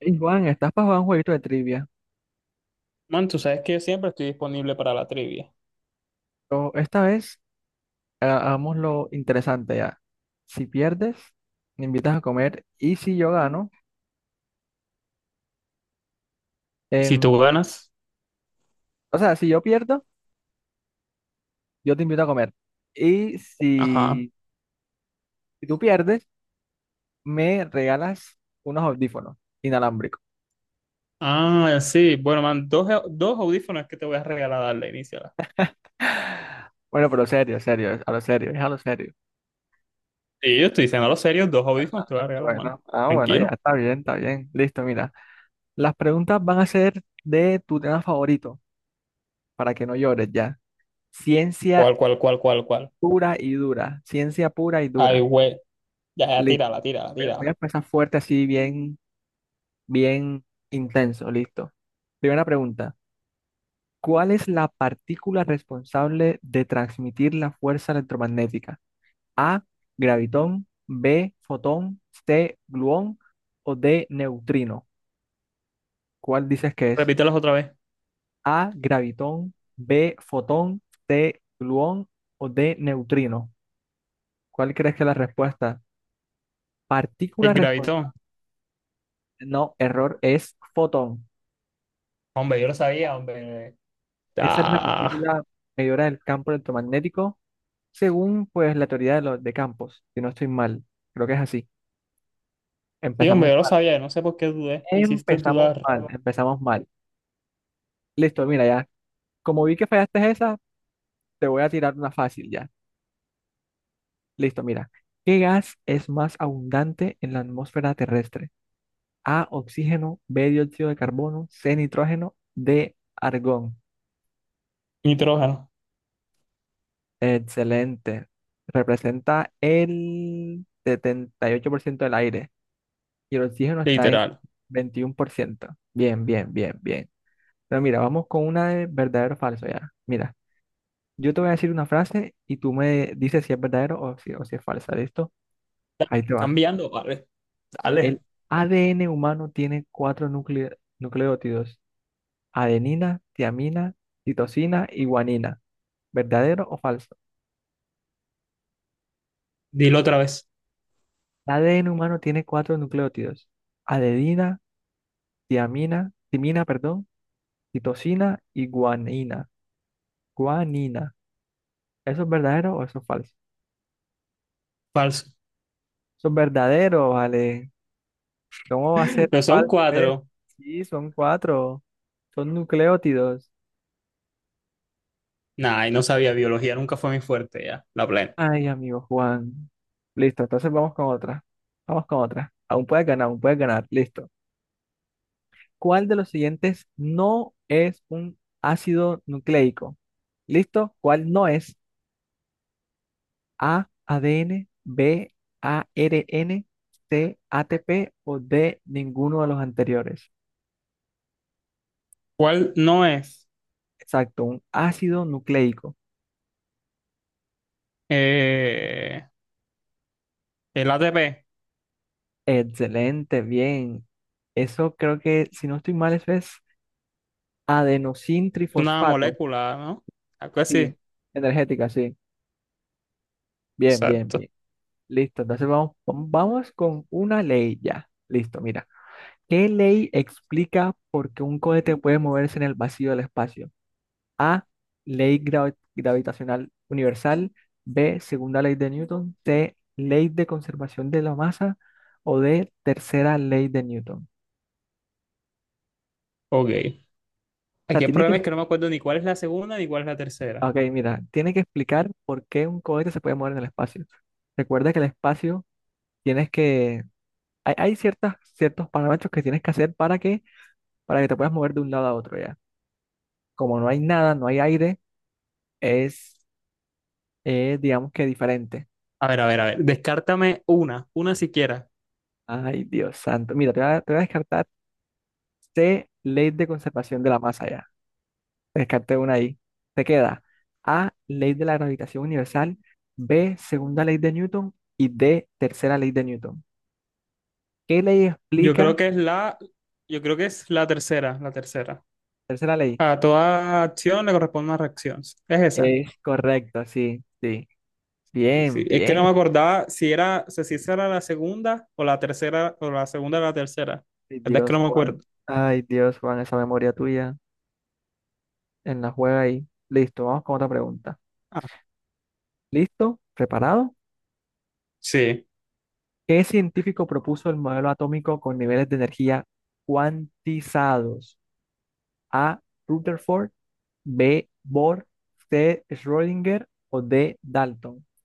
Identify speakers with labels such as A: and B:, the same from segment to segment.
A: Y Juan, ¿estás para jugar un jueguito de trivia?
B: Man, tú sabes que yo siempre estoy disponible para la trivia.
A: Pero esta vez hagamos lo interesante ya. Si pierdes, me invitas a comer. Y si yo gano,
B: Y si
A: em,
B: tú ganas,
A: o sea, si yo pierdo, yo te invito a comer. Y
B: ajá.
A: si, si tú pierdes, me regalas unos audífonos inalámbricos.
B: Ah, sí. Bueno, man, dos audífonos que te voy a regalar, darle inicio.
A: Bueno, pero serio, serio, es a lo serio, es a lo serio.
B: Sí, yo estoy diciendo lo serio, dos audífonos te voy a regalar, man.
A: Bueno, ah, bueno, ya
B: Tranquilo.
A: está bien, está bien. Listo, mira. Las preguntas van a ser de tu tema favorito, para que no llores ya. Ciencia
B: ¿Cuál?
A: pura y dura, ciencia pura y
B: Ay,
A: dura.
B: güey. Ya, ya,
A: Listo.
B: tírala, tírala,
A: Voy a
B: tírala.
A: empezar fuerte, así bien, bien intenso. Listo. Primera pregunta. ¿Cuál es la partícula responsable de transmitir la fuerza electromagnética? A, gravitón, B, fotón, C, gluón o D, neutrino. ¿Cuál dices que es?
B: Repítelos otra vez.
A: A, gravitón, B, fotón, C, gluón o D, neutrino. ¿Cuál crees que es la respuesta? Partícula
B: El
A: responsable.
B: gravitón.
A: No, error, es fotón.
B: Hombre, yo lo sabía, hombre.
A: Esa es la
B: Ah.
A: partícula medidora del campo electromagnético, según pues la teoría de los de campos, si no estoy mal. Creo que es así.
B: Sí,
A: Empezamos
B: hombre, yo lo
A: mal,
B: sabía. No sé por qué dudé. Me hiciste
A: empezamos
B: dudar.
A: mal, empezamos mal. Listo, mira ya. Como vi que fallaste esa, te voy a tirar una fácil ya. Listo, mira. ¿Qué gas es más abundante en la atmósfera terrestre? A, oxígeno, B, dióxido de carbono, C, nitrógeno, D, argón.
B: Nitrógeno.
A: Excelente. Representa el 78% del aire y el oxígeno está en
B: Literal.
A: 21%. Bien, bien, bien, bien. Pero mira, vamos con una de verdadero o falso ya. Mira, yo te voy a decir una frase y tú me dices si es verdadero o si es falsa. ¿Listo? Ahí te va.
B: Cambiando, vale. Dale.
A: El ADN humano tiene cuatro nucleótidos. Adenina, tiamina, citosina y guanina. ¿Verdadero o falso?
B: Dilo otra vez.
A: El ADN humano tiene cuatro nucleótidos. Adenina, tiamina, timina, perdón, citosina y guanina. Guanina. ¿Eso es verdadero o eso es falso?
B: Falso.
A: Eso es verdadero, vale. ¿Cómo va a ser
B: No son
A: falso, eh?
B: cuatro.
A: Sí, son cuatro. Son nucleótidos.
B: Nah, y no sabía, biología nunca fue mi fuerte ya, la plena.
A: Ay, amigo Juan. Listo, entonces vamos con otra. Vamos con otra. Aún puedes ganar, aún puedes ganar. Listo. ¿Cuál de los siguientes no es un ácido nucleico? ¿Listo? ¿Cuál no es? A, ADN, B, ARN, C, ATP o D, ninguno de los anteriores.
B: ¿Cuál no es?
A: Exacto, un ácido nucleico.
B: Eh, el ATP,
A: Excelente, bien. Eso creo que, si no estoy mal, eso es adenosin
B: es una
A: trifosfato.
B: molécula, ¿no? Algo
A: Sí,
B: así.
A: energética, sí. Bien, bien,
B: Exacto.
A: bien. Listo, entonces vamos, vamos con una ley ya. Listo, mira. ¿Qué ley explica por qué un cohete puede moverse en el vacío del espacio? A, ley gravitacional universal, B, segunda ley de Newton, C, ley de conservación de la masa o D, tercera ley de Newton.
B: Ok.
A: O sea,
B: Aquí el
A: tiene que,
B: problema es que no me acuerdo ni cuál es la segunda ni cuál es la tercera.
A: ok, mira, tiene que explicar por qué un cohete se puede mover en el espacio. Recuerda que el espacio tienes que, hay ciertas, ciertos parámetros que tienes que hacer para que te puedas mover de un lado a otro ya. Como no hay nada, no hay aire, es, es, digamos que diferente.
B: A ver, a ver, a ver. Descártame una siquiera.
A: Ay, Dios santo. Mira, te voy a descartar. C, ley de conservación de la masa ya. Descarté una ahí. Te queda A, ley de la gravitación universal, B, segunda ley de Newton y D, tercera ley de Newton. ¿Qué ley
B: Yo
A: explica?
B: creo que es la, yo creo que es la tercera, la tercera.
A: Tercera ley.
B: A toda acción le corresponde una reacción. ¿Es esa?
A: Es correcto, sí, sí.
B: Y sí,
A: Bien,
B: es que no
A: bien.
B: me acordaba si era, o sea, si esa era la segunda o la tercera, o la segunda o la tercera.
A: Ay,
B: La verdad es que
A: Dios,
B: no me
A: Juan.
B: acuerdo.
A: Ay, Dios, Juan, esa memoria tuya en la juega ahí. Listo, vamos con otra pregunta.
B: Ah,
A: ¿Listo? ¿Preparado?
B: sí.
A: ¿Qué científico propuso el modelo atómico con niveles de energía cuantizados? A. Rutherford, B. Bohr, C. Schrödinger o D. Dalton. O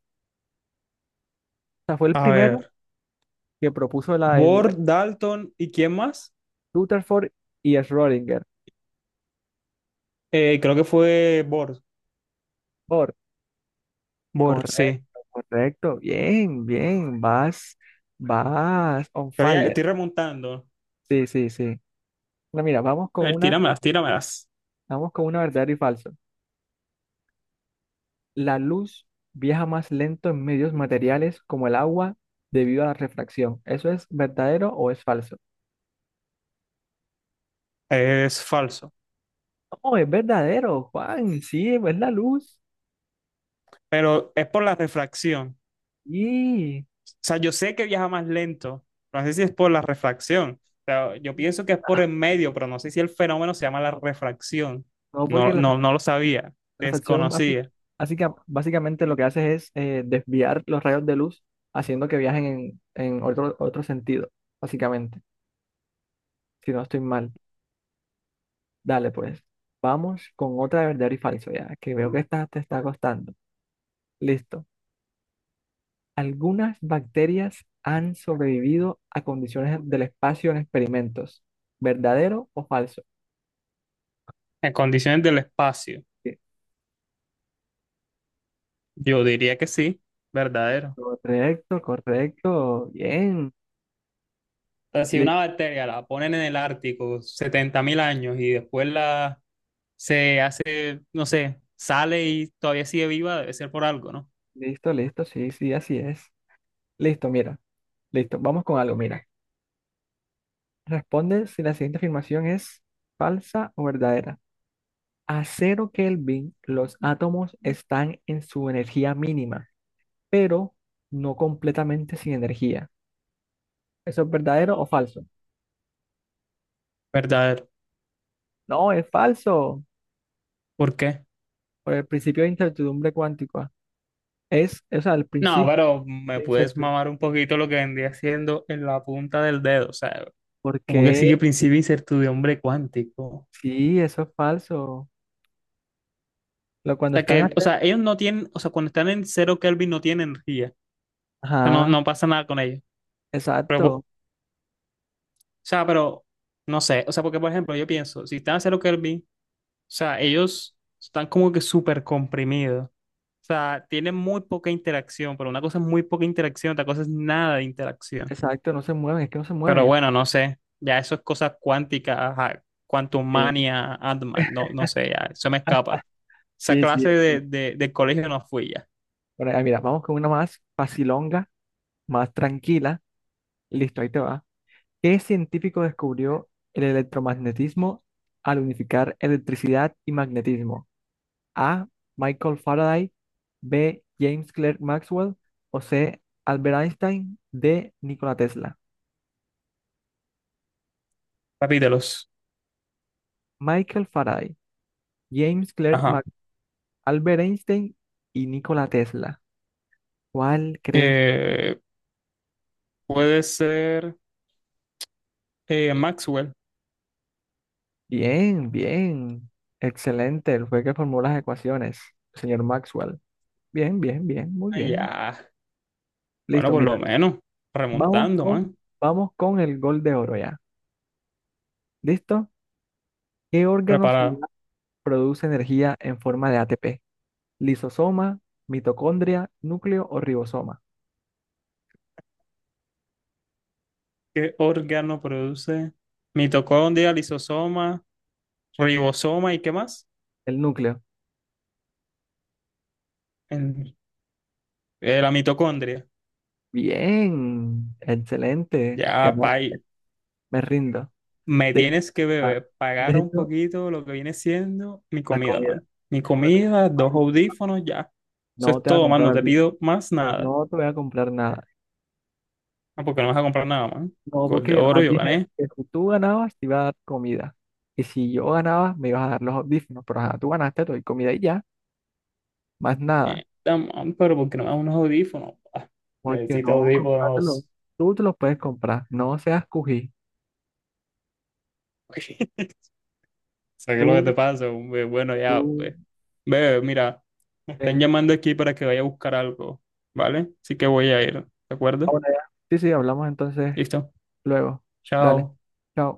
A: sea, fue el
B: A
A: primero
B: ver.
A: que propuso el
B: ¿Bor, Dalton y quién más?
A: Rutherford y Schrödinger.
B: Creo que fue Bor.
A: Bohr,
B: Bor, sí.
A: correcto, correcto, bien, bien, vas, vas on
B: Pero ya
A: fire.
B: estoy remontando.
A: Sí, sí, sí. Bueno, mira,
B: A ver, tíramelas, tíramelas.
A: vamos con una verdadero y falso. La luz viaja más lento en medios materiales como el agua debido a la refracción. ¿Eso es verdadero o es falso?
B: Es falso.
A: No, es verdadero, Juan, sí, es la luz.
B: Pero es por la refracción.
A: Y
B: Sea, yo sé que viaja más lento, no sé si es por la refracción. O sea, yo pienso que es por el medio, pero no sé si el fenómeno se llama la refracción.
A: no, porque
B: No, no, no lo sabía,
A: la reflexión
B: desconocía.
A: básicamente lo que hace es desviar los rayos de luz haciendo que viajen en otro, otro sentido, básicamente, si no estoy mal. Dale, pues, vamos con otra de verdadero y falso, ya, que veo que esta te está costando. Listo. Algunas bacterias han sobrevivido a condiciones del espacio en experimentos. ¿Verdadero o falso?
B: En condiciones del espacio,
A: Sí.
B: yo diría que sí, verdadero.
A: Correcto, correcto. Bien.
B: O sea, si
A: Li-
B: una bacteria la ponen en el Ártico 70,000 años y después la se hace, no sé, sale y todavía sigue viva, debe ser por algo, ¿no?
A: Listo, listo. Sí, sí, así es. Listo, mira. Listo. Vamos con algo, mira. Responde si la siguiente afirmación es falsa o verdadera. A cero Kelvin, los átomos están en su energía mínima, pero no completamente sin energía. ¿Eso es verdadero o falso?
B: Verdadero.
A: No, es falso.
B: ¿Por qué?
A: Por el principio de incertidumbre cuántica. Es, o sea, el
B: No,
A: principio
B: pero me
A: de
B: puedes
A: incertidumbre.
B: mamar un poquito lo que vendría haciendo en la punta del dedo, o sea,
A: ¿Por
B: como que
A: qué?
B: sigue principio de incertidumbre cuántico.
A: Sí, eso es falso. Lo,
B: O
A: cuando
B: sea,
A: están a
B: que, o sea, ellos no tienen, o sea, cuando están en cero Kelvin no tienen energía, o sea, no,
A: ajá,
B: no pasa nada con ellos. Pero, po- o
A: exacto,
B: sea, pero, no sé, o sea, porque por ejemplo, yo pienso, si están a cero Kelvin, o sea, ellos están como que súper comprimidos, o sea, tienen muy poca interacción, pero una cosa es muy poca interacción, otra cosa es nada de interacción.
A: exacto, no se mueven, es que no se
B: Pero
A: mueven.
B: bueno, no sé. Ya eso es cosas cuánticas, ajá, quantum
A: Sí,
B: mania, Ant-Man, no, no sé, ya, eso me escapa. Esa
A: sí, sí.
B: clase
A: Sí.
B: del colegio no fui ya.
A: Bueno, ah, mira, vamos con una más facilonga, más tranquila. Listo, ahí te va. ¿Qué científico descubrió el electromagnetismo al unificar electricidad y magnetismo? A. Michael Faraday, B. James Clerk Maxwell o C. Albert Einstein, D. Nikola Tesla.
B: Capítulos.
A: Michael Faraday, James Clerk
B: Ajá.
A: Maxwell, Albert Einstein y Nikola Tesla. ¿Cuál crees?
B: Eh, Puede ser Maxwell.
A: Bien, bien. Excelente. Él fue que formó las ecuaciones, señor Maxwell. Bien, bien, bien, muy
B: Ah,
A: bien.
B: ya. Bueno,
A: Listo,
B: por lo
A: mira.
B: menos.
A: Vamos
B: Remontando,
A: con,
B: man.
A: vamos con el gol de oro ya. ¿Listo? ¿Qué órgano
B: Preparado.
A: celular produce energía en forma de ATP? ¿Lisosoma, mitocondria, núcleo o ribosoma?
B: ¿Qué órgano produce mitocondria, lisosoma, ribosoma y qué más?
A: El núcleo.
B: El- la mitocondria.
A: Bien, excelente.
B: Ya, pa,
A: Ganaste. Me rindo.
B: me
A: De,
B: tienes que
A: ah,
B: beber pagar
A: de
B: un
A: hecho,
B: poquito lo que viene siendo mi
A: la
B: comida,
A: comida.
B: man. Mi
A: Bueno,
B: comida, dos audífonos, ya. Eso
A: no
B: es
A: te voy a
B: todo, man. No
A: comprar,
B: te pido más nada.
A: no te voy a comprar nada.
B: Ah, ¿porque no vas a comprar nada, man?
A: No,
B: Gol
A: porque
B: de
A: yo
B: oro,
A: nomás
B: yo
A: dije
B: gané.
A: que si tú ganabas te iba a dar comida. Y si yo ganaba, me ibas a dar los audífonos. Pero ajá, tú ganaste, te doy comida y ya, más nada.
B: Da, man, ¿pero porque no me das unos audífonos?
A: Porque
B: Necesito
A: no, comprártelo.
B: audífonos.
A: Tú te los puedes comprar. No seas cují.
B: ¿Sabes lo que
A: Tú,
B: te pasa, hombre? Bueno, ya,
A: tú,
B: pues. Bebé, mira, me
A: eh.
B: están llamando aquí para que vaya a buscar algo, ¿vale? Así que voy a ir, ¿de
A: Ah,
B: acuerdo?
A: bueno, ya. Sí, sí, hablamos entonces
B: Listo.
A: luego. Dale,
B: Chao.
A: chao.